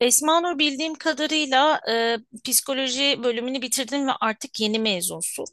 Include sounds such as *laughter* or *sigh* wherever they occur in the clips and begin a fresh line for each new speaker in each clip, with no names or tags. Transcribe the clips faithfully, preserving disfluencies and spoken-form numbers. Esma Nur bildiğim kadarıyla e, psikoloji bölümünü bitirdin ve artık yeni mezunsun.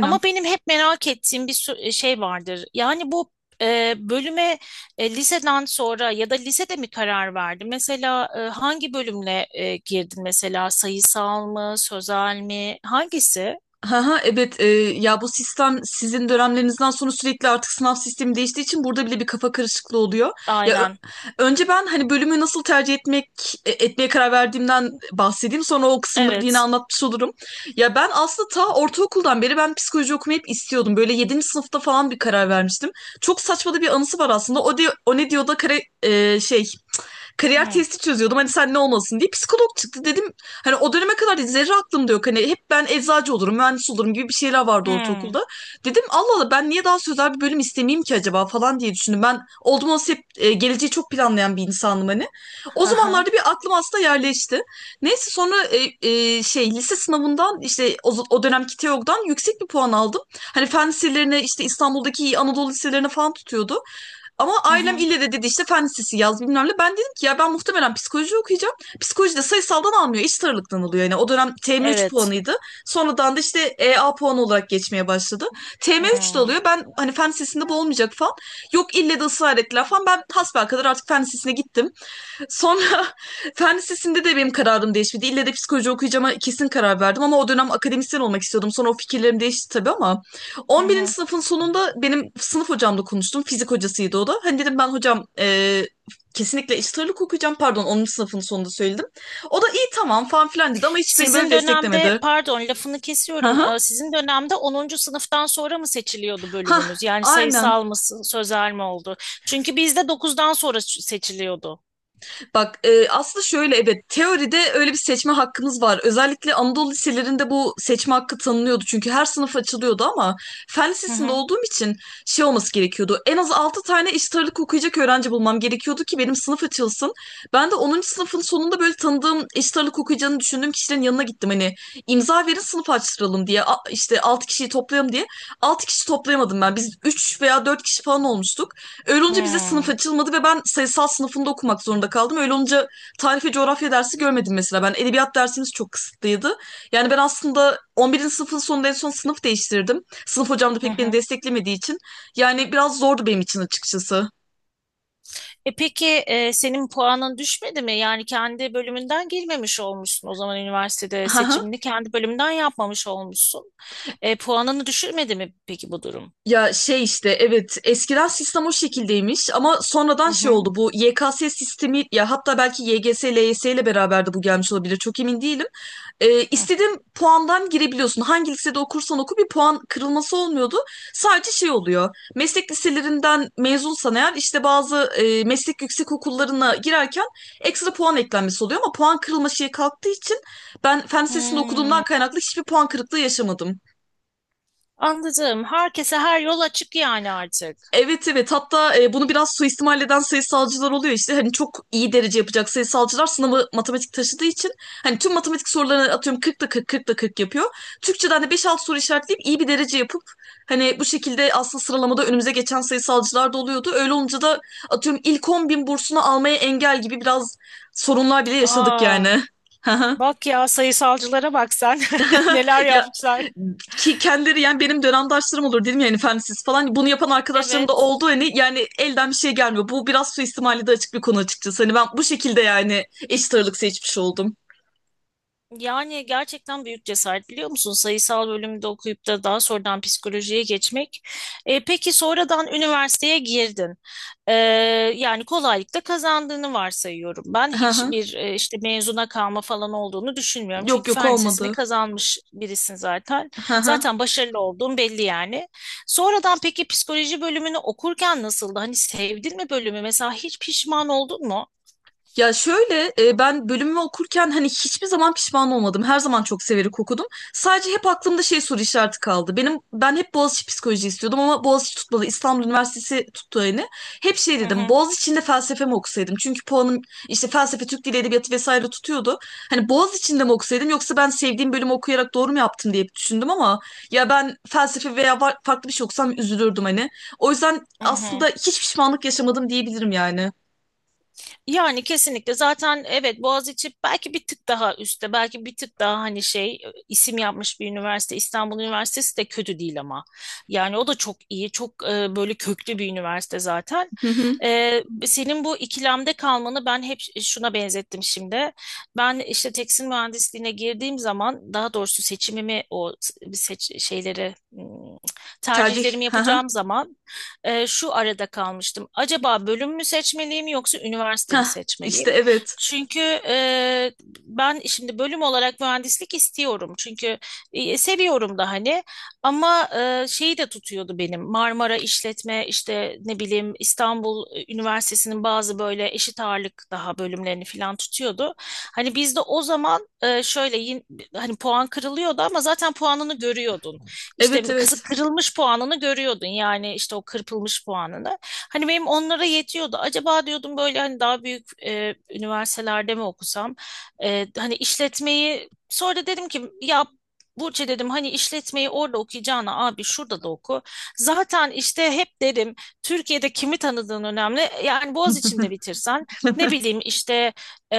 Ama benim hep merak ettiğim bir su- şey vardır. Yani bu e, bölüme e, liseden sonra ya da lisede mi karar verdin? Mesela e, hangi bölümle e, girdin? Mesela sayısal mı, sözel mi? Hangisi?
Haha, evet e, ya bu sistem sizin dönemlerinizden sonra sürekli artık sınav sistemi değiştiği için burada bile bir kafa karışıklığı oluyor. Ya ö-
Aynen.
önce ben hani bölümü nasıl tercih etmek e, etmeye karar verdiğimden bahsedeyim. Sonra o kısımları da yine
Evet.
anlatmış olurum. Ya ben aslında ta ortaokuldan beri ben psikoloji okumayı hep istiyordum. Böyle yedinci sınıfta falan bir karar vermiştim. Çok saçma da bir anısı var aslında. O de, o ne diyor da kare, e, şey kariyer
Hmm.
testi çözüyordum. Hani sen ne olmalısın diye psikolog çıktı dedim. Hani o döneme kadar dedi, zerre aklımda yok. Hani hep ben eczacı olurum, mühendis olurum gibi bir şeyler vardı
Hmm.
ortaokulda. Dedim Allah Allah ben niye daha sözel bir bölüm istemeyeyim ki acaba falan diye düşündüm. Ben oldum olası hep e, geleceği çok planlayan bir insanım hani. O
Aha.
zamanlarda bir aklım aslında yerleşti. Neyse sonra e, e, şey lise sınavından işte o, o dönemki TEOG'dan yüksek bir puan aldım. Hani fen liselerine işte İstanbul'daki iyi Anadolu liselerine falan tutuyordu. Ama
Hı
ailem
hı.
ille de dedi işte fen lisesi yaz bilmem ne. Ben dedim ki ya ben muhtemelen psikoloji okuyacağım. Psikoloji de sayısaldan almıyor. İç sarılıktan alıyor. Yani o dönem T M üç
Evet.
puanıydı. Sonradan da işte E A puanı olarak geçmeye başladı. T M üç de
Hmm.
alıyor. Ben hani fen lisesinde bu olmayacak falan. Yok ille de ısrar ettiler falan. Ben hasbelkader artık fen lisesine gittim. Sonra *laughs* fen lisesinde de benim kararım değişmedi. İlle de psikoloji okuyacağıma kesin karar verdim ama o dönem akademisyen olmak istiyordum. Sonra o fikirlerim değişti tabii ama
Hı
on birinci
hı.
sınıfın sonunda benim sınıf hocamla konuştum. Fizik hocasıydı o da. Hani dedim ben hocam, e, kesinlikle eşit ağırlık okuyacağım. Pardon onuncu sınıfın sonunda söyledim. O da iyi tamam falan filan dedi ama hiç beni böyle
Sizin dönemde,
desteklemedi.
pardon lafını
Hı
kesiyorum.
hı.
Ee, Sizin dönemde onuncu sınıftan sonra mı seçiliyordu
Hah,
bölümünüz? Yani
aynen.
sayısal mı, s- sözel mi oldu? Çünkü bizde dokuzdan sonra ç- seçiliyordu.
Bak e, aslında şöyle, evet, teoride öyle bir seçme hakkınız var. Özellikle Anadolu liselerinde bu seçme hakkı tanınıyordu. Çünkü her sınıf açılıyordu ama fen
Hı
lisesinde
hı.
olduğum için şey olması gerekiyordu. En az altı tane eşit ağırlık okuyacak öğrenci bulmam gerekiyordu ki benim sınıf açılsın. Ben de onuncu sınıfın sonunda böyle tanıdığım eşit ağırlık okuyacağını düşündüğüm kişilerin yanına gittim. Hani imza verin sınıf açtıralım diye, A- işte altı kişiyi toplayalım diye. Altı kişi toplayamadım ben. Biz üç veya dört kişi falan olmuştuk. Öyle olunca bize sınıf
Hmm.
açılmadı ve ben sayısal sınıfında okumak zorunda kaldım. Öyle olunca tarih ve coğrafya dersi görmedim mesela. Ben edebiyat dersimiz çok kısıtlıydı. Yani ben aslında on birinci sınıfın sonunda en son sınıf değiştirdim. Sınıf hocam da
Hı
pek beni
hı.
desteklemediği için. Yani biraz zordu benim için açıkçası.
E peki e, senin puanın düşmedi mi? Yani kendi bölümünden girmemiş olmuşsun. O zaman üniversitede
*laughs* Haha.
seçimini kendi bölümünden yapmamış olmuşsun. E, puanını düşürmedi mi peki bu durum?
Ya şey işte, evet, eskiden sistem o şekildeymiş ama sonradan
Hı
şey
hı.
oldu bu Y K S sistemi, ya hatta belki Y G S, L Y S ile beraber de bu gelmiş olabilir, çok emin değilim. Ee,
Hı.
istediğin puandan girebiliyorsun. Hangi lisede okursan oku bir puan kırılması olmuyordu. Sadece şey oluyor. Meslek liselerinden mezunsan eğer işte bazı e, meslek yüksek okullarına girerken ekstra puan eklenmesi oluyor ama puan kırılma şeyi kalktığı için ben fen lisesinde
Hmm.
okuduğumdan kaynaklı hiçbir puan kırıklığı yaşamadım.
Anladım. Herkese her yol açık yani artık.
Evet, evet, hatta e, bunu biraz suistimal eden sayısalcılar oluyor işte, hani çok iyi derece yapacak sayısalcılar sınavı matematik taşıdığı için hani tüm matematik sorularını atıyorum kırkta kırk, kırkta kırk yapıyor. Türkçeden de beş altı soru işaretleyip iyi bir derece yapıp hani bu şekilde aslında sıralamada önümüze geçen sayısalcılar da oluyordu. Öyle olunca da atıyorum ilk on bin bursunu almaya engel gibi biraz sorunlar bile yaşadık
Aa,
yani. *laughs*
bak ya sayısalcılara bak sen. *laughs* Neler
Ya
yapmışlar.
ki kendileri, yani benim dönemdaşlarım olur dedim yani efendisiz falan bunu yapan arkadaşlarım da
Evet.
oldu, hani yani elden bir şey gelmiyor. Bu biraz suistimali de açık bir konu açıkçası. Hani ben bu şekilde yani eşit ağırlık seçmiş oldum.
Yani gerçekten büyük cesaret biliyor musun? Sayısal bölümde okuyup da daha sonradan psikolojiye geçmek. E, peki sonradan üniversiteye girdin. E, yani kolaylıkla kazandığını varsayıyorum. Ben
Hı hı.
hiçbir e, işte mezuna kalma falan olduğunu düşünmüyorum.
Yok,
Çünkü
yok,
fen lisesini
olmadı.
kazanmış birisin zaten.
Hı hı.
Zaten başarılı olduğun belli yani. Sonradan peki psikoloji bölümünü okurken nasıldı? Hani sevdin mi bölümü? Mesela hiç pişman oldun mu?
Ya şöyle e, ben bölümümü okurken hani hiçbir zaman pişman olmadım. Her zaman çok severek okudum. Sadece hep aklımda şey soru işareti kaldı. Benim ben hep Boğaziçi psikoloji istiyordum ama Boğaziçi tutmadı. İstanbul Üniversitesi tuttu yani. Hep şey
Hı
dedim.
hı.
Boğaziçi'nde felsefe mi okusaydım? Çünkü puanım işte felsefe, Türk Dili Edebiyatı vesaire tutuyordu. Hani Boğaziçi'nde mi okusaydım yoksa ben sevdiğim bölümü okuyarak doğru mu yaptım diye düşündüm ama ya ben felsefe veya var- farklı bir şey okusam üzülürdüm hani. O yüzden
Hı hı.
aslında hiç pişmanlık yaşamadım diyebilirim yani.
Yani kesinlikle zaten evet Boğaziçi belki bir tık daha üstte belki bir tık daha hani şey e, isim yapmış bir üniversite İstanbul Üniversitesi de kötü değil ama yani o da çok iyi çok e, böyle köklü bir üniversite zaten.
Hı hı.
E, senin bu ikilemde kalmanı ben hep şuna benzettim şimdi. Ben işte tekstil mühendisliğine girdiğim zaman daha doğrusu seçimimi o seç şeyleri hmm,
Tercih.
tercihlerimi
*laughs*
yapacağım zaman e, şu arada kalmıştım. Acaba bölüm mü seçmeliyim yoksa üniversite mi
Hah, işte
seçmeliyim?
evet.
Çünkü e, ben şimdi bölüm olarak mühendislik istiyorum. Çünkü e, seviyorum da hani ama e, şeyi de tutuyordu benim. Marmara İşletme işte ne bileyim İstanbul Üniversitesi'nin bazı böyle eşit ağırlık daha bölümlerini falan tutuyordu. Hani bizde o zaman e, şöyle yin- hani puan kırılıyordu ama zaten puanını görüyordun
Evet,
işte kızı
evet.
kırılmış puanını görüyordun yani işte o kırpılmış puanını. Hani benim onlara yetiyordu. Acaba diyordum böyle hani daha büyük e, üniversitelerde mi okusam? E, hani işletmeyi sonra dedim ki ya Burçe dedim hani işletmeyi orada okuyacağına abi şurada da oku. Zaten işte hep dedim Türkiye'de kimi tanıdığın önemli. Yani Boğaziçi'nde bitirsen ne bileyim işte e,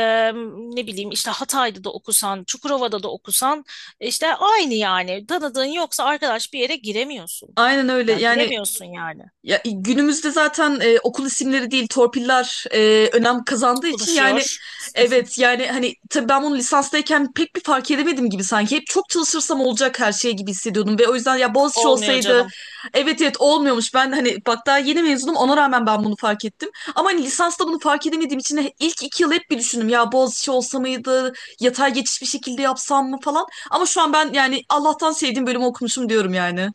ne bileyim işte Hatay'da da okusan, Çukurova'da da okusan işte aynı yani. Tanıdığın yoksa arkadaş bir yere giremiyorsun.
Aynen öyle.
Ya
Yani.
giremiyorsun yani.
Ya, e, günümüzde zaten, e, okul isimleri değil torpiller e, önem kazandığı için yani,
Konuşuyor.
evet, yani hani tabii ben bunu lisanstayken pek bir fark edemedim gibi sanki hep çok çalışırsam olacak her şey gibi hissediyordum ve o yüzden ya Boğaziçi
Olmuyor
olsaydı,
canım.
evet, evet, olmuyormuş. Ben hani bak daha yeni mezunum, ona rağmen ben bunu fark ettim ama hani lisansta bunu fark edemediğim için he- ilk iki yıl hep bir düşündüm, ya Boğaziçi olsa mıydı, yatay geçiş bir şekilde yapsam mı falan, ama şu an ben yani Allah'tan sevdiğim bölümü okumuşum diyorum yani.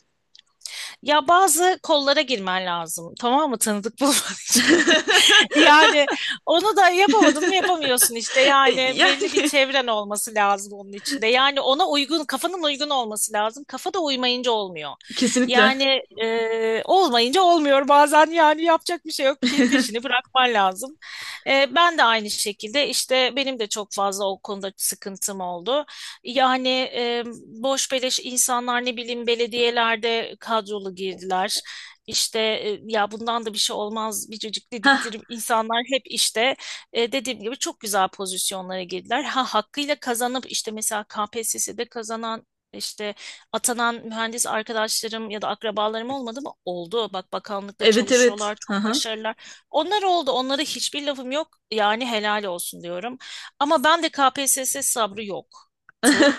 Ya bazı kollara girmen lazım. Tamam mı? Tanıdık bulman için. *laughs*
*laughs*
*laughs* Yani onu da yapamadın mı yapamıyorsun işte. Yani
Yani
belli bir çevren olması lazım onun içinde. Yani ona uygun, kafanın uygun olması lazım. Kafa da uymayınca olmuyor.
kesinlikle.
Yani e, olmayınca olmuyor bazen yani yapacak bir şey yok ki peşini bırakman lazım. E, ben de aynı şekilde işte benim de çok fazla o konuda sıkıntım oldu. Yani e, boş beleş insanlar ne bileyim belediyelerde kadrolu girdiler işte e, ya bundan da bir şey olmaz biricik
*laughs*
dedikleri insanlar hep işte e, dediğim gibi çok güzel pozisyonlara girdiler. Ha hakkıyla kazanıp işte mesela K P S S'de kazanan işte atanan mühendis arkadaşlarım ya da akrabalarım olmadı mı? Oldu. Bak bakanlıkta
Evet, evet.
çalışıyorlar,
Hı
çok
hı.
başarılılar. Onlar oldu. Onlara hiçbir lafım yok. Yani helal olsun diyorum. Ama ben de K P S S sabrı yoktu.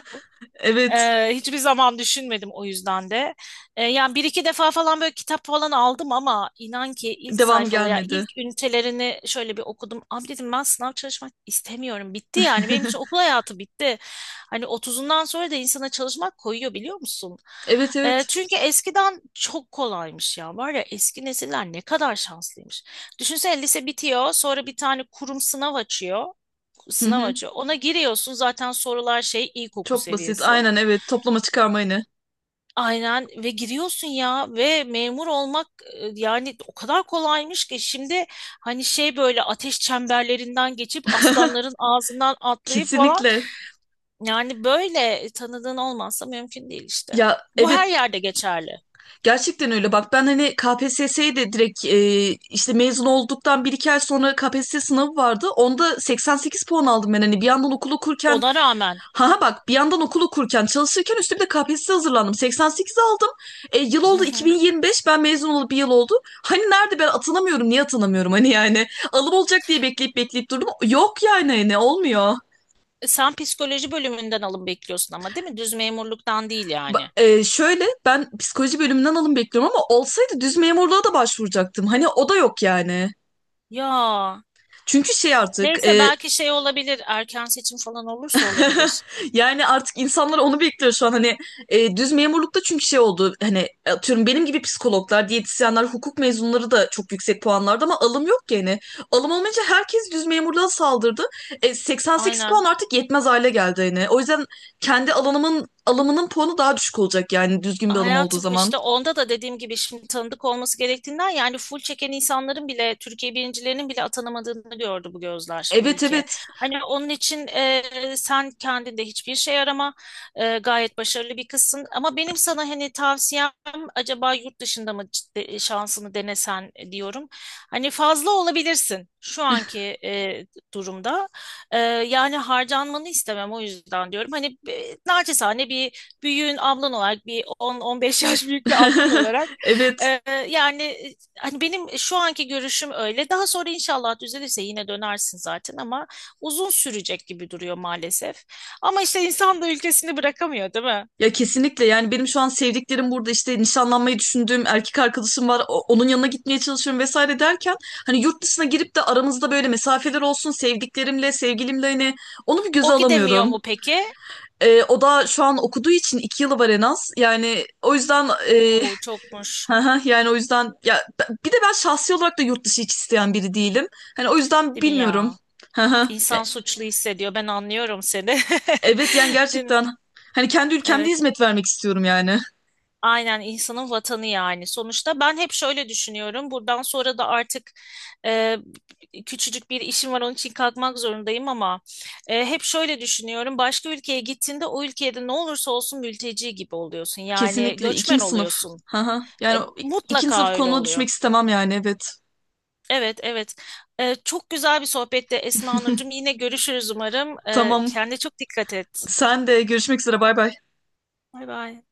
Evet.
Ee, hiçbir zaman düşünmedim o yüzden de. Ee, yani bir iki defa falan böyle kitap falan aldım ama inan ki ilk
Devam
sayfalı ya
gelmedi.
ilk ünitelerini şöyle bir okudum. Abi dedim ben sınav çalışmak istemiyorum. Bitti yani benim için okul hayatı bitti. Hani otuzundan sonra da insana çalışmak koyuyor biliyor musun?
Evet,
Ee,
evet.
çünkü eskiden çok kolaymış ya. Var ya eski nesiller ne kadar şanslıymış. Düşünsene lise bitiyor sonra bir tane kurum sınav açıyor.
Hı
Sınav
hı.
açıyor. Ona giriyorsun zaten sorular şey ilkokul
Çok basit.
seviyesi.
Aynen, evet. Toplama çıkarma yine.
Aynen ve giriyorsun ya ve memur olmak e, yani o kadar kolaymış ki şimdi hani şey böyle ateş çemberlerinden geçip
*laughs*
aslanların ağzından atlayıp falan
Kesinlikle.
yani böyle tanıdığın olmazsa mümkün değil işte.
Ya,
Bu
evet,
her yerde geçerli.
gerçekten öyle. Bak ben hani K P S S'ye de direkt, e, işte mezun olduktan bir iki ay sonra K P S S sınavı vardı. Onda seksen sekiz puan aldım ben. Hani bir yandan okul okurken
Ona rağmen
ha ha bak bir yandan okul okurken çalışırken üstüne bir de K P S S'ye hazırlandım. seksen sekiz aldım. E, yıl
Hı
oldu
hı.
iki bin yirmi beş, ben mezun olup bir yıl oldu. Hani nerede ben atanamıyorum, niye atanamıyorum hani yani. Alım olacak diye bekleyip bekleyip durdum. Yok yani hani, ne olmuyor.
E, sen psikoloji bölümünden alım bekliyorsun ama değil mi? Düz memurluktan değil yani.
Ba- e, şöyle ben psikoloji bölümünden alım bekliyorum, ama olsaydı düz memurluğa da başvuracaktım. Hani o da yok yani.
Ya
Çünkü şey artık
neyse
e,
belki şey olabilir erken seçim falan olursa
*laughs*
olabilir.
yani artık insanlar onu bekliyor şu an hani e, düz memurlukta, çünkü şey oldu hani atıyorum benim gibi psikologlar, diyetisyenler, hukuk mezunları da çok yüksek puanlarda ama alım yok ki hani. Alım olmayınca herkes düz memurluğa saldırdı. E, seksen sekiz
Aynen.
puan artık yetmez hale geldi hani. O yüzden kendi alanımın alımının puanı daha düşük olacak yani düzgün bir alım olduğu
Hayatım
zaman.
işte onda da dediğim gibi şimdi tanıdık olması gerektiğinden yani full çeken insanların bile Türkiye birincilerinin bile atanamadığını gördü bu gözler bu
Evet,
ülke.
evet.
Hani onun için e, sen kendinde hiçbir şey arama E, gayet başarılı bir kızsın ama benim sana hani tavsiyem acaba yurt dışında mı ciddi- şansını denesen diyorum. Hani fazla olabilirsin şu anki e, durumda E, yani harcanmanı istemem o yüzden diyorum hani e, naçizane bir büyüğün ablan olarak bir on on beş yaş büyük bir ablan
*laughs*
olarak
Evet.
e, yani e, hani benim şu anki görüşüm öyle. Daha sonra inşallah düzelirse yine dönersin zaten ama uzun sürecek gibi duruyor maalesef. Ama işte insan da ülkesini bırakamıyor, değil mi?
Ya kesinlikle, yani benim şu an sevdiklerim burada, işte nişanlanmayı düşündüğüm erkek arkadaşım var, o- onun yanına gitmeye çalışıyorum vesaire derken hani yurt dışına girip de aramızda böyle mesafeler olsun sevdiklerimle, sevgilimle, hani onu bir göze
O gidemiyor
alamıyorum.
mu peki?
Ee, o da şu an okuduğu için iki yılı var en az yani, o yüzden e,
Oo
*laughs*
çokmuş.
hı hı, yani o yüzden ya b- bir de ben şahsi olarak da yurt dışı hiç isteyen biri değilim. Hani o yüzden
Değil mi
bilmiyorum.
ya?
*laughs* Hı hı. Ya,
İnsan suçlu hissediyor. Ben anlıyorum seni.
evet yani
*laughs* Değil mi?
gerçekten hani kendi ülkemde
Evet.
hizmet vermek istiyorum yani.
Aynen insanın vatanı yani. Sonuçta ben hep şöyle düşünüyorum. Buradan sonra da artık e, küçücük bir işim var onun için kalkmak zorundayım ama e, hep şöyle düşünüyorum. Başka ülkeye gittiğinde o ülkede ne olursa olsun mülteci gibi oluyorsun. Yani
Kesinlikle
göçmen
ikinci sınıf.
oluyorsun.
Haha.
E,
Yani o- ikinci sınıf
mutlaka öyle
konumuna
oluyor.
düşmek istemem yani, evet.
Evet, evet. E, çok güzel bir sohbette Esma Nurcuğum. Yine görüşürüz umarım. E,
Tamam.
kendine çok dikkat et.
Sen de görüşmek üzere, bay bay.
Bay bay.